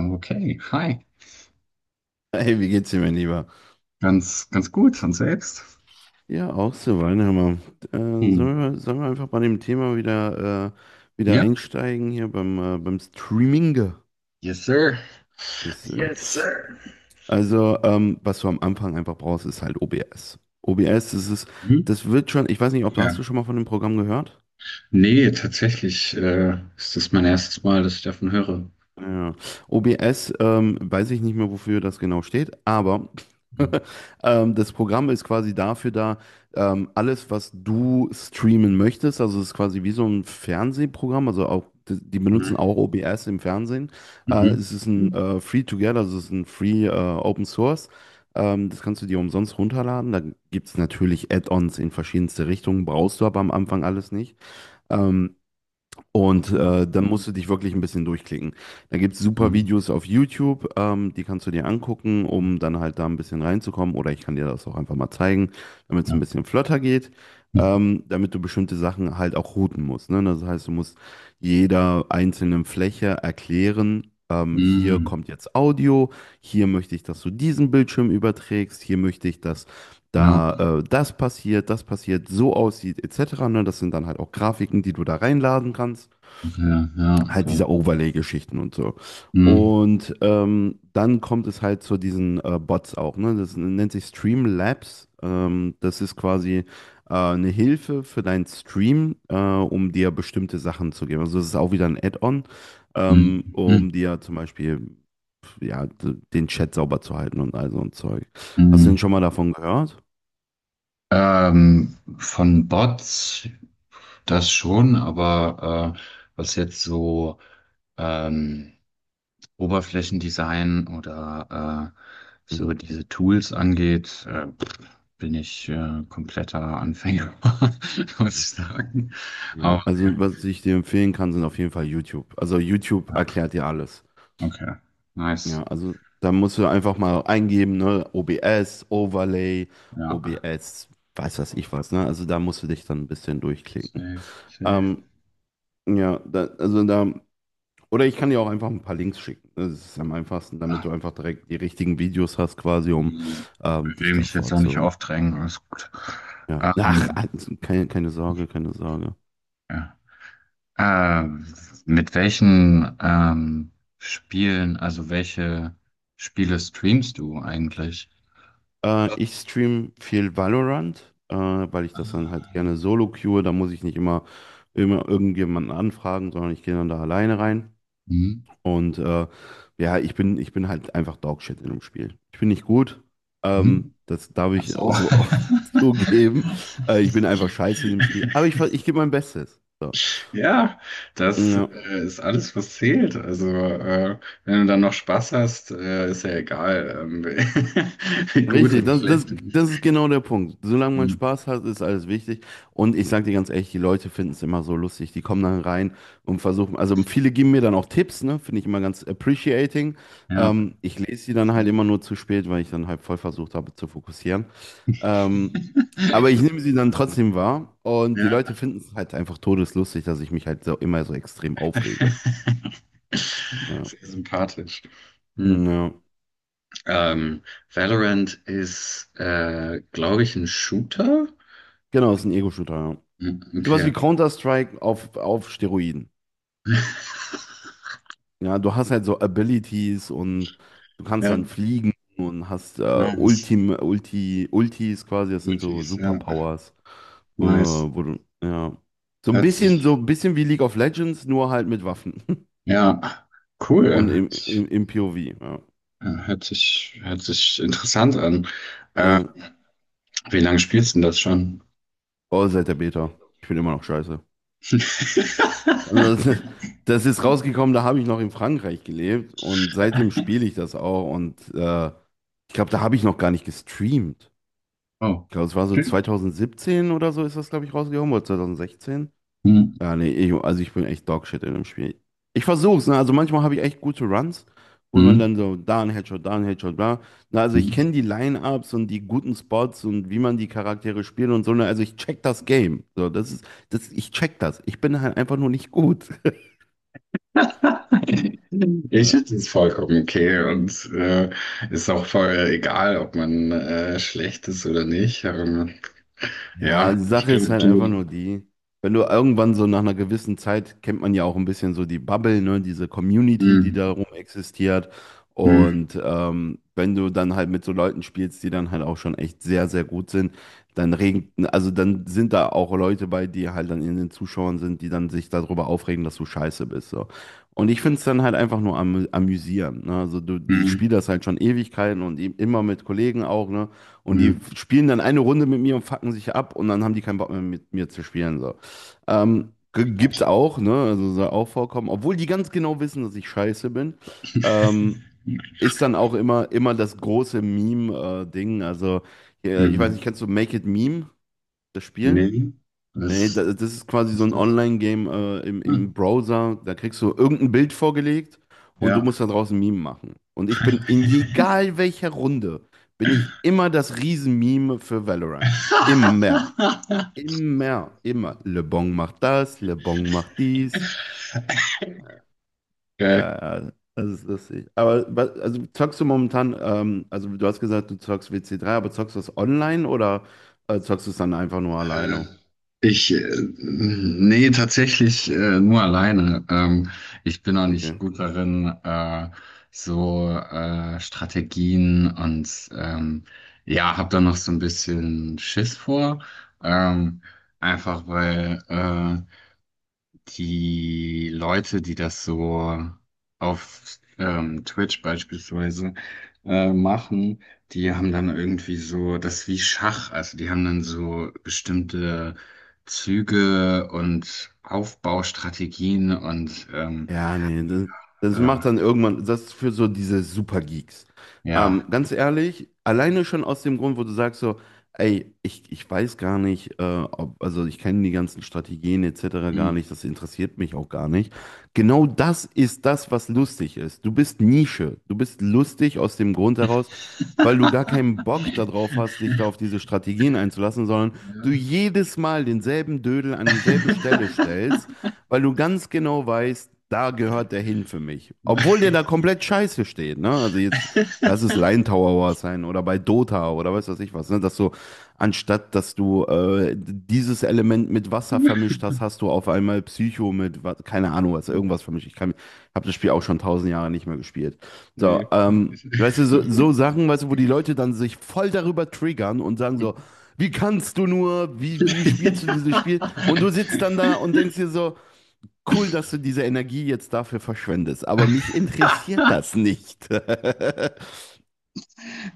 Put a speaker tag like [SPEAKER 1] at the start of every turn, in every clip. [SPEAKER 1] Okay, hi.
[SPEAKER 2] Hey, wie geht's dir, mein Lieber?
[SPEAKER 1] Ganz gut. Und selbst?
[SPEAKER 2] Ja, auch so, Weinheimer. Äh,
[SPEAKER 1] Hm.
[SPEAKER 2] sollen wir, sollen wir einfach bei dem Thema wieder, wieder
[SPEAKER 1] Ja.
[SPEAKER 2] einsteigen hier beim, beim Streaming?
[SPEAKER 1] Yes, sir.
[SPEAKER 2] Yes, sir.
[SPEAKER 1] Yes, sir.
[SPEAKER 2] Also, was du am Anfang einfach brauchst, ist halt OBS.
[SPEAKER 1] Mhm.
[SPEAKER 2] Das wird schon, ich weiß nicht, ob hast du
[SPEAKER 1] Ja.
[SPEAKER 2] schon mal von dem Programm gehört?
[SPEAKER 1] Nee, tatsächlich ist das mein erstes Mal, dass ich davon höre.
[SPEAKER 2] Ja. OBS, weiß ich nicht mehr, wofür das genau steht, aber
[SPEAKER 1] Mhm.
[SPEAKER 2] das Programm ist quasi dafür da, alles, was du streamen möchtest, also es ist quasi wie so ein Fernsehprogramm, also auch, die die benutzen auch
[SPEAKER 1] Mhm.
[SPEAKER 2] OBS im Fernsehen.
[SPEAKER 1] Mhm.
[SPEAKER 2] Es ist ein Free-to-Get, also es ist ein Free Open Source. Das kannst du dir umsonst runterladen. Da gibt es natürlich Add-ons in verschiedenste Richtungen, brauchst du aber am Anfang alles nicht. Ähm,
[SPEAKER 1] Okay.
[SPEAKER 2] Dann musst du dich wirklich ein bisschen durchklicken. Da gibt es super
[SPEAKER 1] Mhm.
[SPEAKER 2] Videos auf YouTube, die kannst du dir angucken, um dann halt da ein bisschen reinzukommen. Oder ich kann dir das auch einfach mal zeigen, damit es ein
[SPEAKER 1] Ja.
[SPEAKER 2] bisschen flotter geht, damit du bestimmte Sachen halt auch routen musst. Ne? Das heißt, du musst jeder einzelnen Fläche erklären, hier
[SPEAKER 1] Mhm.
[SPEAKER 2] kommt jetzt Audio, hier möchte ich, dass du diesen Bildschirm überträgst, hier möchte ich, dass
[SPEAKER 1] Ja.
[SPEAKER 2] da das passiert, so aussieht, etc. Ne? Das sind dann halt auch Grafiken, die du da reinladen kannst,
[SPEAKER 1] Okay. Ja.
[SPEAKER 2] halt
[SPEAKER 1] Okay.
[SPEAKER 2] diese Overlay-Geschichten und so.
[SPEAKER 1] Mhm.
[SPEAKER 2] Und dann kommt es halt zu diesen Bots auch, ne? Das nennt sich Streamlabs. Das ist quasi eine Hilfe für deinen Stream, um dir bestimmte Sachen zu geben. Also es ist auch wieder ein Add-on,
[SPEAKER 1] Mhm.
[SPEAKER 2] um
[SPEAKER 1] Mhm.
[SPEAKER 2] dir zum Beispiel ja, den Chat sauber zu halten und all so ein Zeug. Hast du denn
[SPEAKER 1] Mhm.
[SPEAKER 2] schon mal davon gehört?
[SPEAKER 1] Von Bots das schon, aber was jetzt so ähm, Oberflächendesign oder so
[SPEAKER 2] Mhm.
[SPEAKER 1] diese Tools angeht, pff, bin ich kompletter Anfänger, muss ich sagen.
[SPEAKER 2] Ja,
[SPEAKER 1] Aber ja,
[SPEAKER 2] also was ich dir empfehlen kann, sind auf jeden Fall YouTube. Also YouTube
[SPEAKER 1] ja,
[SPEAKER 2] erklärt dir alles.
[SPEAKER 1] okay, nice.
[SPEAKER 2] Ja, also da musst du einfach mal eingeben, ne? OBS, Overlay,
[SPEAKER 1] Ja,
[SPEAKER 2] OBS, weiß was ich was, ne? Also da musst du dich dann ein bisschen durchklicken.
[SPEAKER 1] safe, safe.
[SPEAKER 2] Ähm, ja, da, also da, oder ich kann dir auch einfach ein paar Links schicken, ne? Das ist am einfachsten, damit
[SPEAKER 1] Ah,
[SPEAKER 2] du einfach direkt die richtigen Videos hast, quasi, um
[SPEAKER 1] äh,
[SPEAKER 2] dich
[SPEAKER 1] will mich jetzt
[SPEAKER 2] davor
[SPEAKER 1] auch nicht
[SPEAKER 2] zu.
[SPEAKER 1] aufdrängen, alles gut.
[SPEAKER 2] Ja. Ach,
[SPEAKER 1] Ähm,
[SPEAKER 2] also keine Sorge, keine Sorge.
[SPEAKER 1] ja. Äh, mit welchen Spielen, also welche Spiele streamst du eigentlich?
[SPEAKER 2] Ich stream viel Valorant, weil ich das dann halt gerne
[SPEAKER 1] Ähm,
[SPEAKER 2] solo queue. Da muss ich nicht immer irgendjemanden anfragen, sondern ich gehe dann da alleine rein.
[SPEAKER 1] hm?
[SPEAKER 2] Und äh, ja, ich bin halt einfach Dogshit in dem Spiel. Ich bin nicht gut.
[SPEAKER 1] Mhm.
[SPEAKER 2] Das darf
[SPEAKER 1] Ach
[SPEAKER 2] ich
[SPEAKER 1] so.
[SPEAKER 2] auch so offen zugeben. Ich bin einfach scheiße in dem Spiel. Aber ich, ich gebe mein Bestes. So.
[SPEAKER 1] Ja, das
[SPEAKER 2] Ja.
[SPEAKER 1] ist alles, was zählt. Also, wenn du dann noch Spaß hast, ist ja egal, wie gut
[SPEAKER 2] Richtig,
[SPEAKER 1] oder schlecht du bist.
[SPEAKER 2] das ist genau der Punkt. Solange man
[SPEAKER 1] Mhm.
[SPEAKER 2] Spaß hat, ist alles wichtig. Und ich sag dir ganz ehrlich, die Leute finden es immer so lustig. Die kommen dann rein und versuchen, also viele geben mir dann auch Tipps, ne? Finde ich immer ganz appreciating.
[SPEAKER 1] Ja.
[SPEAKER 2] Ich lese die dann halt immer nur zu spät, weil ich dann halt voll versucht habe zu fokussieren. Ähm, aber ich nehme sie dann trotzdem wahr und die Leute
[SPEAKER 1] Ja.
[SPEAKER 2] finden es halt einfach todeslustig, dass ich mich halt so immer so extrem aufrege. Ja,
[SPEAKER 1] Sehr sympathisch. Mhm.
[SPEAKER 2] ja.
[SPEAKER 1] Ähm, Valorant ist, glaube ich, ein Shooter.
[SPEAKER 2] Genau, ist ein Ego-Shooter, ja.
[SPEAKER 1] Mhm,
[SPEAKER 2] Sowas
[SPEAKER 1] okay.
[SPEAKER 2] wie Counter-Strike auf Steroiden. Ja, du hast halt so Abilities und du kannst dann fliegen und hast
[SPEAKER 1] Ja, nice.
[SPEAKER 2] Ultis quasi, das sind so
[SPEAKER 1] Multis, ja.
[SPEAKER 2] Superpowers.
[SPEAKER 1] Nice.
[SPEAKER 2] Ja.
[SPEAKER 1] Hört
[SPEAKER 2] So
[SPEAKER 1] sich,
[SPEAKER 2] ein bisschen wie League of Legends, nur halt mit Waffen.
[SPEAKER 1] ja,
[SPEAKER 2] Und
[SPEAKER 1] cool. Ich,
[SPEAKER 2] im POV, ja.
[SPEAKER 1] äh, hört sich interessant an. Äh,
[SPEAKER 2] Ja.
[SPEAKER 1] wie lange spielst du denn das schon?
[SPEAKER 2] Oh, seit der Beta. Ich bin immer noch scheiße. Also das, Das ist rausgekommen, da habe ich noch in Frankreich gelebt und seitdem spiele ich das auch und ich glaube, da habe ich noch gar nicht gestreamt.
[SPEAKER 1] Oh.
[SPEAKER 2] Ich glaube, es war so
[SPEAKER 1] Hm,
[SPEAKER 2] 2017 oder so ist das, glaube ich, rausgekommen, oder 2016. Also ich bin echt Dogshit in dem Spiel. Ich versuch's, ne? Also manchmal habe ich echt gute Runs, wo
[SPEAKER 1] hm,
[SPEAKER 2] man dann so da ein Headshot, bla. Na, also ich kenne
[SPEAKER 1] hm.
[SPEAKER 2] die Line-Ups und die guten Spots und wie man die Charaktere spielt und so. Ne? Also ich check das Game. Ich check das. Ich bin halt einfach nur nicht gut.
[SPEAKER 1] Ich
[SPEAKER 2] Ja.
[SPEAKER 1] finde es vollkommen okay und ist auch voll egal, ob man schlecht ist oder nicht.
[SPEAKER 2] Ja,
[SPEAKER 1] Ja,
[SPEAKER 2] die
[SPEAKER 1] ich
[SPEAKER 2] Sache ist
[SPEAKER 1] glaube,
[SPEAKER 2] halt einfach
[SPEAKER 1] du.
[SPEAKER 2] nur die, wenn du irgendwann so nach einer gewissen Zeit kennt man ja auch ein bisschen so die Bubble, ne, diese Community, die
[SPEAKER 1] Hm,
[SPEAKER 2] darum existiert.
[SPEAKER 1] hm,
[SPEAKER 2] Und wenn du dann halt mit so Leuten spielst, die dann halt auch schon echt sehr gut sind, dann also dann sind da auch Leute bei, die halt dann in den Zuschauern sind, die dann sich darüber aufregen, dass du scheiße bist. So. Und ich finde es dann halt einfach nur amüsierend. Ne? Ich spiele
[SPEAKER 1] hm,
[SPEAKER 2] das halt schon Ewigkeiten und immer mit Kollegen auch, ne? Und
[SPEAKER 1] hm.
[SPEAKER 2] die spielen dann eine Runde mit mir und fucken sich ab und dann haben die keinen Bock mehr mit mir zu spielen. So. Gibt's auch, ne? Also soll auch vorkommen. Obwohl die ganz genau wissen, dass ich scheiße bin. Ähm, Ist dann auch immer das große Meme-Ding. Also, ich weiß nicht,
[SPEAKER 1] Hm.
[SPEAKER 2] kennst du Make It Meme, das Spiel?
[SPEAKER 1] Nee,
[SPEAKER 2] Nee,
[SPEAKER 1] was
[SPEAKER 2] das ist quasi so
[SPEAKER 1] ist
[SPEAKER 2] ein
[SPEAKER 1] das?
[SPEAKER 2] Online-Game
[SPEAKER 1] Hm.
[SPEAKER 2] im Browser. Da kriegst du irgendein Bild vorgelegt und du
[SPEAKER 1] Ja.
[SPEAKER 2] musst da draußen Meme machen. Und ich bin in egal welcher Runde, bin ich immer das Riesen-Meme für Valorant. Immer. Immer. Immer. Le Bon macht das, Le Bon macht dies.
[SPEAKER 1] Geil.
[SPEAKER 2] Das ist lustig. Aber also zockst du momentan, also du hast gesagt, du zockst WC3, aber zockst du das online oder zockst du es dann einfach nur
[SPEAKER 1] Äh,
[SPEAKER 2] alleine?
[SPEAKER 1] ich nee, tatsächlich nur alleine. Ich bin auch nicht
[SPEAKER 2] Okay.
[SPEAKER 1] gut darin, so Strategien und ja, habe da noch so ein bisschen Schiss vor. Ähm, Einfach weil die Leute, die das so auf Twitch beispielsweise machen, die haben dann irgendwie so, das ist wie Schach, also die haben dann so bestimmte Züge und Aufbaustrategien und
[SPEAKER 2] Ja, nee, das, Das macht
[SPEAKER 1] äh,
[SPEAKER 2] dann irgendwann, das ist für so diese Supergeeks.
[SPEAKER 1] ja.
[SPEAKER 2] Ganz ehrlich, alleine schon aus dem Grund, wo du sagst so, ey, ich weiß gar nicht, also ich kenne die ganzen Strategien etc. gar
[SPEAKER 1] Hm.
[SPEAKER 2] nicht, das interessiert mich auch gar nicht. Genau das ist das, was lustig ist. Du bist Nische, du bist lustig aus dem Grund heraus, weil du gar keinen Bock darauf hast, dich da auf diese Strategien einzulassen, sondern du jedes Mal denselben Dödel an dieselbe Stelle stellst, weil du ganz genau weißt, da gehört der hin für mich. Obwohl der da komplett scheiße steht, ne? Also jetzt, lass es Line Tower sein oder bei Dota oder weiß was ich was, ne? Anstatt dass du dieses Element mit Wasser vermischt hast, hast du auf einmal Psycho mit, keine Ahnung, was, irgendwas vermischt. Habe das Spiel auch schon tausend Jahre nicht mehr gespielt. So,
[SPEAKER 1] Nee.
[SPEAKER 2] weißt du, so Sachen, weißt du, wo die Leute dann sich voll darüber triggern und sagen so, wie kannst du nur, wie spielst du dieses Spiel? Und du sitzt dann da und denkst dir so, cool, dass du diese Energie jetzt dafür verschwendest, aber mich
[SPEAKER 1] Ja.
[SPEAKER 2] interessiert das nicht.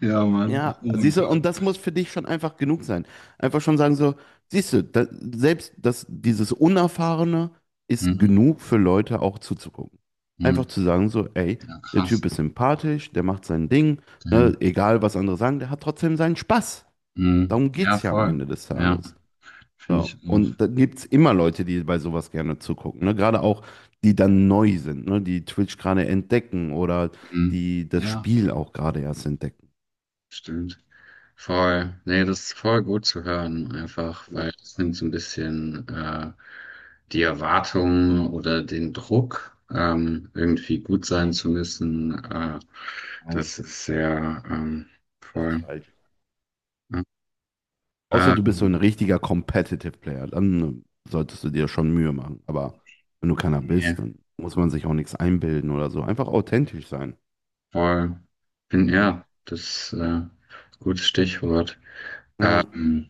[SPEAKER 1] Ja, Mann.
[SPEAKER 2] Ja,
[SPEAKER 1] Oh mein
[SPEAKER 2] siehst du, und
[SPEAKER 1] Gott.
[SPEAKER 2] das muss für dich schon einfach genug sein. Einfach schon sagen so, siehst du, da, selbst das, dieses Unerfahrene ist
[SPEAKER 1] Mhm.
[SPEAKER 2] genug für Leute auch zuzugucken. Einfach
[SPEAKER 1] Mhm.
[SPEAKER 2] zu sagen so, ey,
[SPEAKER 1] Ja,
[SPEAKER 2] der Typ
[SPEAKER 1] krass.
[SPEAKER 2] ist sympathisch, der macht sein Ding, ne,
[SPEAKER 1] Damn.
[SPEAKER 2] egal was andere sagen, der hat trotzdem seinen Spaß.
[SPEAKER 1] Mhm.
[SPEAKER 2] Darum
[SPEAKER 1] Ja,
[SPEAKER 2] geht's ja am
[SPEAKER 1] voll.
[SPEAKER 2] Ende des
[SPEAKER 1] Ja,
[SPEAKER 2] Tages.
[SPEAKER 1] finde ich
[SPEAKER 2] So.
[SPEAKER 1] auch.
[SPEAKER 2] Und da gibt es immer Leute, die bei sowas gerne zugucken. Ne? Gerade auch, die dann neu sind, ne? Die Twitch gerade entdecken oder
[SPEAKER 1] Mhm.
[SPEAKER 2] die das
[SPEAKER 1] Ja,
[SPEAKER 2] Spiel auch gerade erst entdecken.
[SPEAKER 1] stimmt. Voll. Nee, das ist voll gut zu hören, einfach,
[SPEAKER 2] Ja.
[SPEAKER 1] weil es nimmt so ein bisschen die Erwartung oder den Druck, irgendwie gut sein zu müssen.
[SPEAKER 2] Nein,
[SPEAKER 1] Das ist sehr
[SPEAKER 2] das ist
[SPEAKER 1] voll.
[SPEAKER 2] falsch.
[SPEAKER 1] Ja.
[SPEAKER 2] Außer du bist so ein
[SPEAKER 1] Ähm,
[SPEAKER 2] richtiger Competitive Player, dann solltest du dir schon Mühe machen. Aber wenn du keiner bist,
[SPEAKER 1] nee.
[SPEAKER 2] dann muss man sich auch nichts einbilden oder so. Einfach authentisch sein.
[SPEAKER 1] Voll. Bin, ja, das ist ein gutes Stichwort.
[SPEAKER 2] Ja.
[SPEAKER 1] Ähm,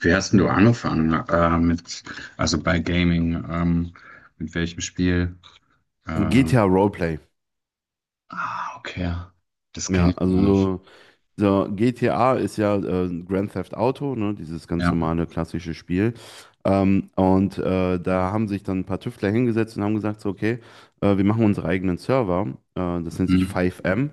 [SPEAKER 1] Wie hast denn du angefangen mit, also bei Gaming, mit welchem Spiel? Äh,
[SPEAKER 2] GTA Roleplay.
[SPEAKER 1] ah, okay. Das kenne
[SPEAKER 2] Ja,
[SPEAKER 1] ich
[SPEAKER 2] also
[SPEAKER 1] gar nicht.
[SPEAKER 2] so So, GTA ist ja Grand Theft Auto, ne, dieses ganz
[SPEAKER 1] Ja.
[SPEAKER 2] normale klassische Spiel. Da haben sich dann ein paar Tüftler hingesetzt und haben gesagt, so, okay, wir machen unsere eigenen Server. Das nennt sich
[SPEAKER 1] Mhm.
[SPEAKER 2] 5M.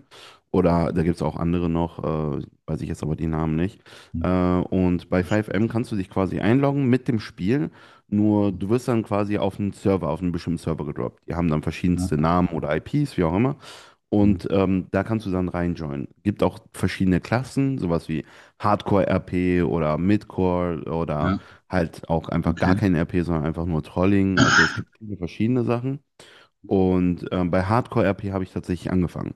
[SPEAKER 2] Oder da
[SPEAKER 1] Mhm.
[SPEAKER 2] gibt es auch andere noch, weiß ich jetzt aber die Namen nicht. Äh,
[SPEAKER 1] Mhm.
[SPEAKER 2] und bei
[SPEAKER 1] Das ist gut.
[SPEAKER 2] 5M kannst du dich quasi einloggen mit dem Spiel. Nur du wirst dann quasi auf einen Server, auf einen bestimmten Server gedroppt. Die haben dann verschiedenste
[SPEAKER 1] Ja,
[SPEAKER 2] Namen oder IPs, wie auch immer.
[SPEAKER 1] ja,
[SPEAKER 2] Und da kannst du dann reinjoinen. Gibt auch verschiedene Klassen, sowas wie Hardcore-RP oder Midcore oder
[SPEAKER 1] ja,
[SPEAKER 2] halt auch einfach gar
[SPEAKER 1] okay.
[SPEAKER 2] kein RP, sondern einfach nur Trolling. Also es gibt viele verschiedene Sachen. Und bei Hardcore-RP habe ich tatsächlich angefangen.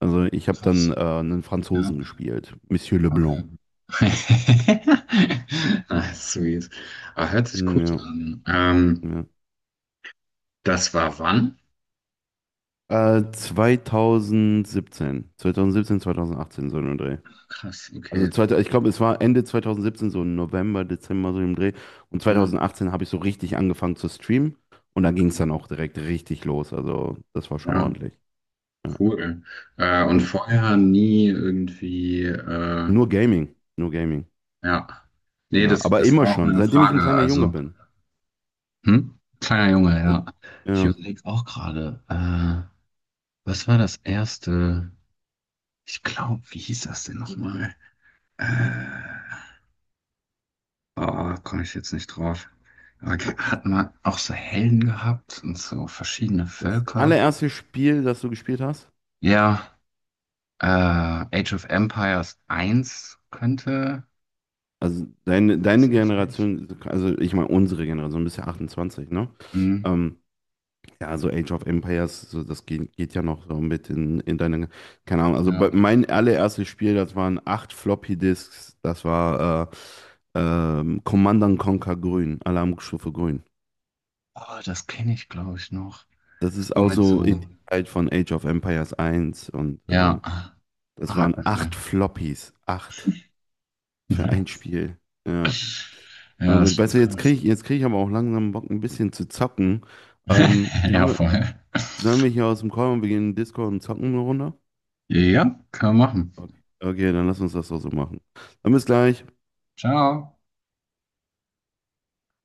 [SPEAKER 2] Also ich habe dann
[SPEAKER 1] Krass.
[SPEAKER 2] einen
[SPEAKER 1] Ja,
[SPEAKER 2] Franzosen gespielt, Monsieur Leblanc.
[SPEAKER 1] okay. Ah, sweet. Aber hört sich
[SPEAKER 2] Hm,
[SPEAKER 1] gut
[SPEAKER 2] ja,
[SPEAKER 1] an.
[SPEAKER 2] ja.
[SPEAKER 1] Das war wann?
[SPEAKER 2] 2017, 2018 so ein Dreh.
[SPEAKER 1] Krass, okay.
[SPEAKER 2] Ich glaube, es war Ende 2017, so November, Dezember, so im Dreh. Und
[SPEAKER 1] Ja.
[SPEAKER 2] 2018 habe ich so richtig angefangen zu streamen. Und da ging es dann auch direkt richtig los. Also das war schon
[SPEAKER 1] Ja,
[SPEAKER 2] ordentlich. Ja.
[SPEAKER 1] cool. Und
[SPEAKER 2] Ja.
[SPEAKER 1] vorher nie irgendwie,
[SPEAKER 2] Nur Gaming, nur Gaming.
[SPEAKER 1] ja. Nee,
[SPEAKER 2] Ja,
[SPEAKER 1] das,
[SPEAKER 2] aber
[SPEAKER 1] das
[SPEAKER 2] immer
[SPEAKER 1] war auch
[SPEAKER 2] schon,
[SPEAKER 1] meine
[SPEAKER 2] seitdem ich ein
[SPEAKER 1] Frage.
[SPEAKER 2] kleiner Junge
[SPEAKER 1] Also,
[SPEAKER 2] bin.
[SPEAKER 1] hm? Kleiner Junge,
[SPEAKER 2] Äh,
[SPEAKER 1] ja. Ich
[SPEAKER 2] Ja,
[SPEAKER 1] überlege auch gerade, was war das erste? Ich glaube, wie hieß das denn nochmal? Äh, oh, komme ich jetzt nicht drauf. Aber ge- hat man auch so Helden gehabt und so verschiedene
[SPEAKER 2] Das
[SPEAKER 1] Völker?
[SPEAKER 2] allererste Spiel, das du gespielt hast,
[SPEAKER 1] Ja, Age of Empires 1 könnte.
[SPEAKER 2] also deine Generation, also ich meine unsere Generation, du bist ja 28, ne?
[SPEAKER 1] Hm.
[SPEAKER 2] Ähm, Ja, so Age of Empires, so das geht ja noch so mit in deine, keine Ahnung, also
[SPEAKER 1] Ja.
[SPEAKER 2] mein allererstes Spiel, das waren 8 Floppy-Disks, das war Command and Conquer Grün, Alarmstufe Grün.
[SPEAKER 1] Oh, das kenne ich, glaube ich, noch.
[SPEAKER 2] Das
[SPEAKER 1] Ist
[SPEAKER 2] ist
[SPEAKER 1] nur
[SPEAKER 2] auch
[SPEAKER 1] mit
[SPEAKER 2] so in
[SPEAKER 1] so,
[SPEAKER 2] die Zeit von Age of Empires eins und
[SPEAKER 1] ja,
[SPEAKER 2] das waren
[SPEAKER 1] Haken
[SPEAKER 2] acht
[SPEAKER 1] rein.
[SPEAKER 2] Floppies, acht für ein
[SPEAKER 1] Nice.
[SPEAKER 2] Spiel. Ja,
[SPEAKER 1] Ja,
[SPEAKER 2] aber
[SPEAKER 1] das
[SPEAKER 2] gut, weißt
[SPEAKER 1] stimmt,
[SPEAKER 2] du,
[SPEAKER 1] schon.
[SPEAKER 2] jetzt krieg ich aber auch langsam Bock, ein bisschen zu zocken. Ähm, sollen
[SPEAKER 1] Ja,
[SPEAKER 2] wir,
[SPEAKER 1] voll.
[SPEAKER 2] Sollen wir hier aus dem Call und wir gehen in den Discord und zocken eine Runde?
[SPEAKER 1] Ja, kann man machen.
[SPEAKER 2] Okay, okay, dann lass uns das doch so machen. Dann bis gleich.
[SPEAKER 1] Ciao.